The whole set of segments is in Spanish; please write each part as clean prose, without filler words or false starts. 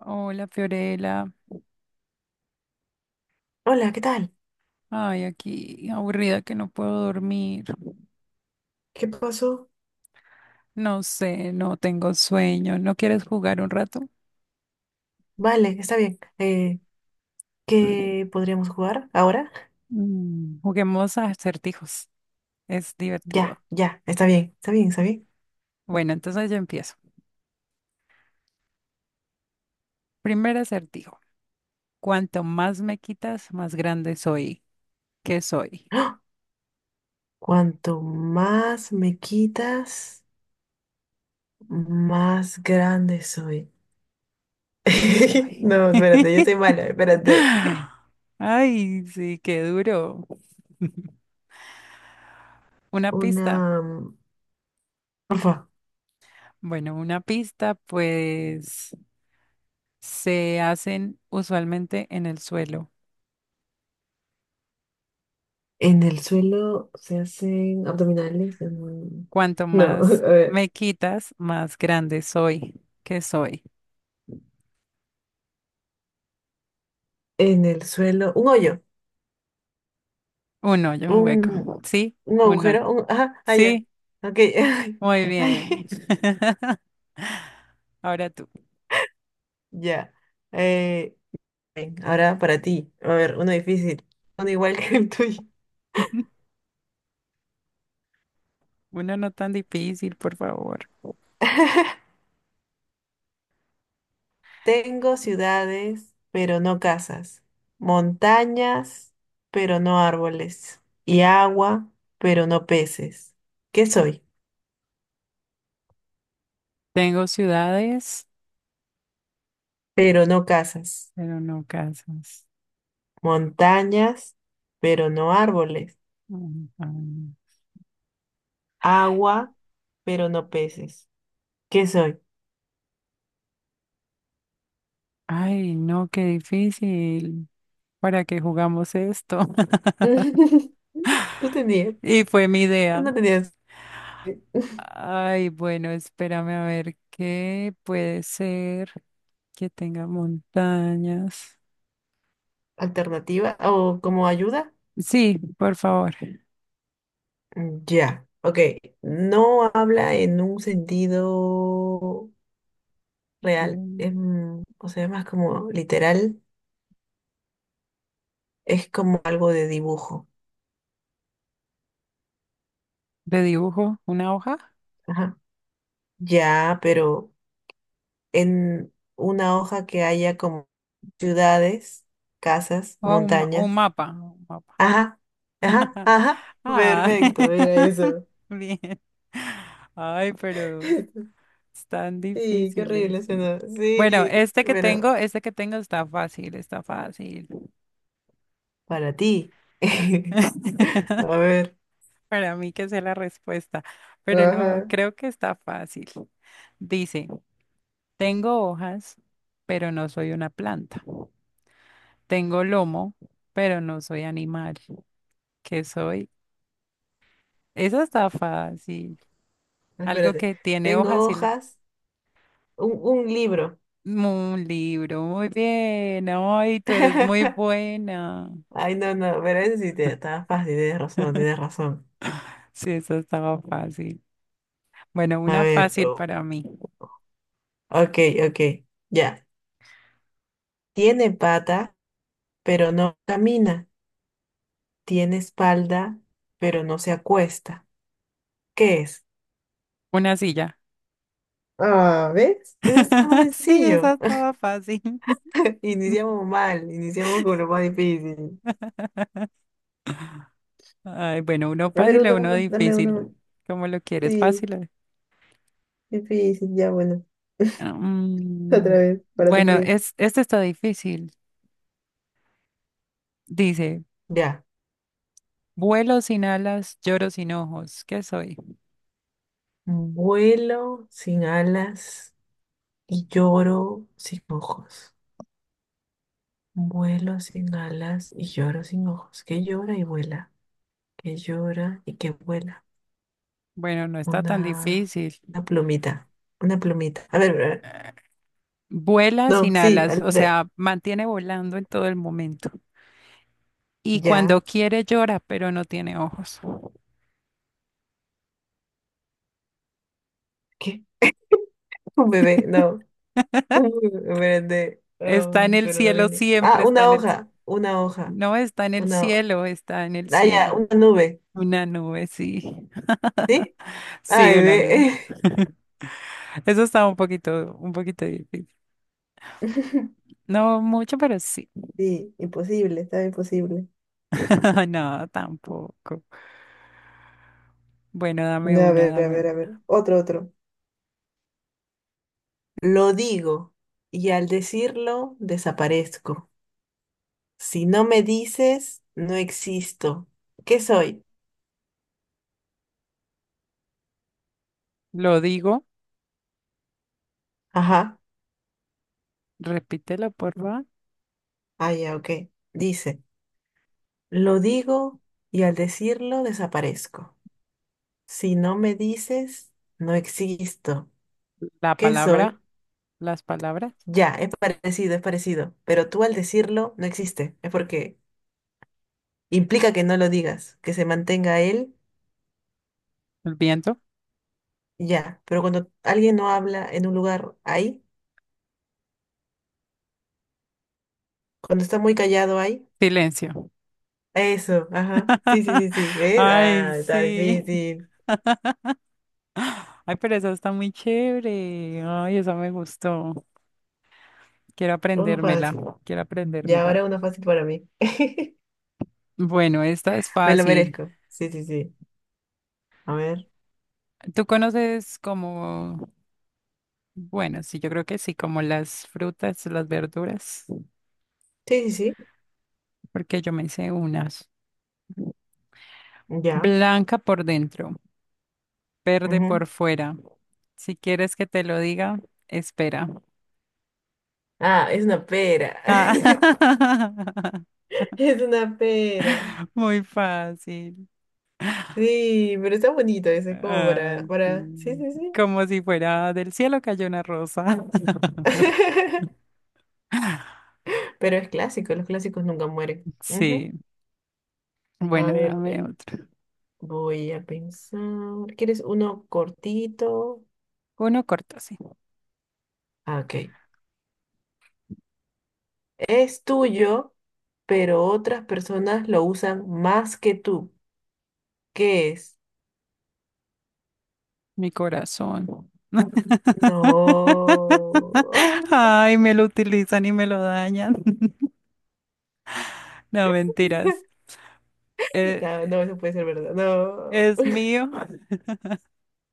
Hola, Fiorella. Hola, ¿qué tal? Ay, aquí aburrida que no puedo dormir. ¿Qué pasó? No sé, no tengo sueño. ¿No quieres jugar un rato? Vale, está bien. ¿Qué podríamos jugar ahora? Juguemos a acertijos. Es divertido. Ya, ya, está bien, está bien, está bien. Bueno, entonces yo empiezo. Primer acertijo. Cuanto más me quitas, más grande soy. ¿Qué soy? ¡Ah! Cuanto más me quitas, más grande soy. ¿Qué soy? No, espérate, yo soy mala, espérate. Ay, sí, qué duro. Una pista. Una... mm, Porfa, Bueno, una pista, pues, se hacen usualmente en el suelo. en el suelo se hacen abdominales. Cuanto No, a más ver, me quitas, más grande soy. ¿Qué soy? en el suelo, un hoyo, Un hoyo, un hueco. un ¿Sí? un Un hoyo. agujero, un... Ajá, ah, ya. Sí, Ok. muy bien. Ay, Ahora tú. ya. Eh, ven, ahora para ti. A ver, uno difícil. Uno igual que el tuyo. Uno no tan difícil, por favor. Tengo ciudades, pero no casas. Montañas, pero no árboles. Y agua, pero no peces. ¿Qué soy? Tengo ciudades, Pero no casas. pero no casas. Montañas, pero no árboles. Mm, mm. Agua, pero no peces. ¿Qué soy? Ay, no, qué difícil. ¿Para qué jugamos esto? ¿Tú Y tenías? fue mi ¿Tú idea. no tenías eh, Ay, bueno, espérame a ver qué puede ser que tenga montañas. alternativa o como ayuda? Sí, por favor. Ya, ok. No habla en un sentido real. es, Mm. mm, o sea, más como literal. Es como algo de dibujo. ¿De dibujo? ¿Una hoja? Ajá. Ya, pero en una hoja que haya como ciudades, casas, ¿O un, un montañas. mapa? Un mapa. Ajá, ajá, ajá. Ah, Perfecto, mira eso. bien. Ay, pero están Sí, qué difíciles. horrible suena. Bueno, Sí, pero... este que tengo está fácil, está fácil. Para ti. A ver. Para mí que es la respuesta, pero no, Ajá. creo que está fácil. Dice, tengo hojas, pero no soy una planta. Tengo lomo, pero no soy animal. ¿Qué soy? Eso está fácil. Algo Espérate. que tiene Tengo hojas y lo... hojas. Un libro. Un libro, muy bien. Ay, tú eres muy buena. Ay, no, no. Pero ese sí te está fácil. Tienes razón, tienes razón. Sí, eso estaba fácil. Bueno, A una ver. fácil oh, para mí. Ok, ok. Ya. Tiene pata, pero no camina. Tiene espalda, pero no se acuesta. ¿Qué es? Una silla. Ah, ¿ves? Eso está más Sí, esa sencillo. estaba fácil. Iniciamos mal. Iniciamos con lo más difícil. Ay, bueno, uno A ver, fácil o uno, uno uno, dame uno difícil. más. ¿Cómo lo quieres? Sí. Fácil. Difícil, ya bueno. Otra Mm, vez, para tu bueno, frío. es, este está difícil. Dice, Ya. vuelo sin alas, lloro sin ojos. ¿Qué soy? Vuelo sin alas y lloro sin ojos. Vuelo sin alas y lloro sin ojos. Que llora y vuela. Que llora y que vuela. Bueno, no está tan Una, difícil. una plumita. Una plumita. A ver, a ver. Vuela No, sin sí, alas, o sea, mantiene volando en todo el momento. Y cuando ya. quiere llora, pero no tiene ojos. ¿Qué? Un bebé, no. Un bebé, espérate, Está en el pero no cielo, tiene. siempre Ah, está una en el cielo. hoja. Una hoja. No está en el Una. cielo, está en el Ah, ya, cielo. una nube. Una nube, sí. ¿Sí? Sí, Ay, una nube. ve. Eso está un poquito difícil. No mucho, pero sí. Sí, imposible, está imposible. No, tampoco. Bueno, dame A una, ver, a dame ver, a una. ver. Otro, otro. Lo digo y al decirlo desaparezco. Si no me dices, no existo. ¿Qué soy? Lo digo, Ajá. repítelo, por favor. Ah, ya, ok. Dice, lo digo y al decirlo desaparezco. Si no me dices, no existo. La ¿Qué soy? palabra, las palabras, Ya, es parecido, es parecido. Pero tú al decirlo no existe. Es porque implica que no lo digas, que se mantenga él, el viento, ya. Pero cuando alguien no habla en un lugar ahí, cuando está muy callado ahí, silencio. eso, ajá. Sí, sí, sí, sí. ¿Ves? Ay, Ah, está sí. difícil. Ay, pero esa está muy chévere. Ay, esa me gustó. Quiero Uno aprendérmela, fácil. quiero Ya, aprendérmela. ahora uno fácil para mí. Bueno, esta es Me lo fácil. merezco. Sí, sí, sí. A ver. ¿Tú conoces como... Bueno, sí, yo creo que sí, como las frutas, las verduras, Sí, sí, sí. porque yo me hice unas. Ya. Blanca por dentro, verde por Ujú. fuera. Si quieres que te lo diga, espera. Ah, es una pera. Ah, Es una pera. muy fácil. Sí, pero está bonito eso, es como para, Ay, para. Sí, sí. sí, sí. Como si fuera del cielo cayó una rosa. Pero es clásico, los clásicos nunca mueren. Ujú. Sí. A Bueno, ver, dame otro. voy a pensar. ¿Quieres uno cortito? Uno corto, sí. Ah, ok. Es tuyo, pero otras personas lo usan más que tú. ¿Qué es? Mi corazón. No. Ay, me lo utilizan y me lo dañan. No, mentiras. No, Eh, no, eso puede ser verdad. No. es mío,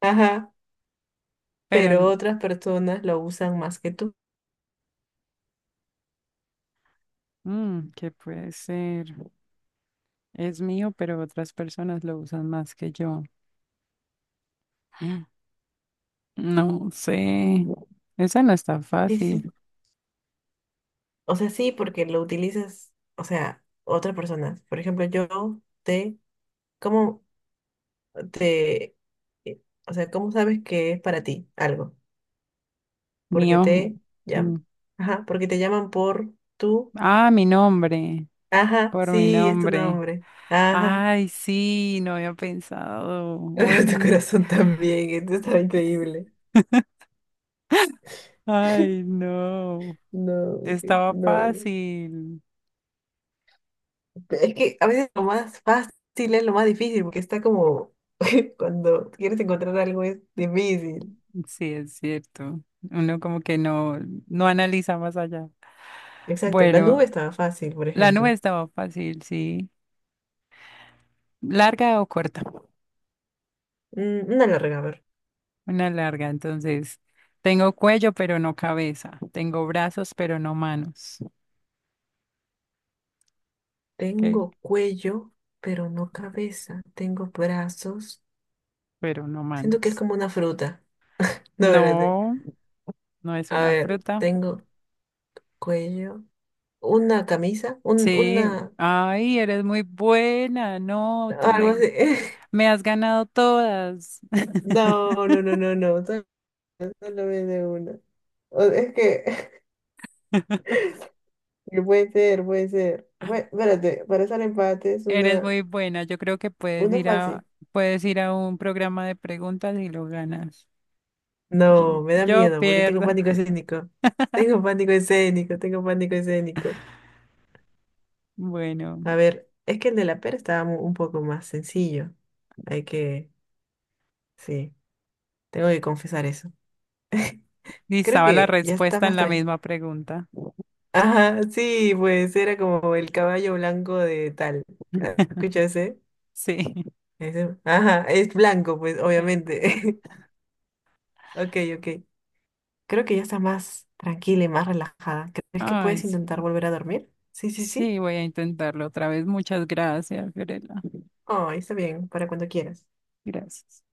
Ajá. pero Pero otras personas lo usan más que tú. ¿Qué puede ser? Es mío, pero otras personas lo usan más que yo. Mm, no sé. Esa no está Sí, sí, sí. fácil. O sea, sí, porque lo utilizas, o sea, otras personas. Por ejemplo, yo te... ¿Cómo? te, eh, o sea, ¿cómo sabes que es para ti algo? Porque Mío. te Mm. llaman. Ajá, porque te llaman por tú. Ah, mi nombre. Ajá, Por mi sí, es tu nombre. nombre. Ajá. Ay, sí, no había pensado. Tu Ori. corazón también, esto está increíble. Ay, no. No, Estaba no. fácil. Es que a veces lo más fácil es lo más difícil, porque está como cuando quieres encontrar algo es difícil. Sí, es cierto. Uno como que no, no analiza más allá. Exacto, la nube Bueno, estaba fácil, por la nube ejemplo. estaba fácil, sí. ¿Larga o corta? Una larga, a ver. Una larga, entonces. Tengo cuello, pero no cabeza. Tengo brazos, pero no manos. ¿Ok? Tengo cuello, pero no cabeza. Tengo brazos. Pero no Siento que es manos. como una fruta. No, espérate. No, no es A una ver, fruta. tengo cuello, una camisa, un, Sí. una, Ay, eres muy buena. No, tú algo me, así. me has ganado todas. No, no, no, no, no. Solo me una. Es que que puede ser, puede ser. Bueno, espérate, para hacer empates, Eres muy buena. Yo creo que una fácil. puedes ir a un programa de preguntas y lo ganas. Yo, No, me da yo miedo porque tengo pierdo. pánico escénico. Tengo pánico escénico, tengo pánico escénico. Bueno, A ver, es que el de la pera estaba un poco más sencillo. Hay que, sí, tengo que confesar eso. y Creo estaba la que ya está respuesta en más la tranquilo. misma pregunta. Ajá, sí, pues era como el caballo blanco de tal. ¿Escuchaste? Sí. Ajá, es blanco, pues, Perdón. obviamente. Ok, ok. Creo que ya está más tranquila y más relajada. ¿Crees que Ay, puedes intentar sí. volver a dormir? Sí, sí, sí. Sí, voy a intentarlo otra vez. Muchas gracias, Fiorella. Oh, está bien, para cuando quieras. Gracias.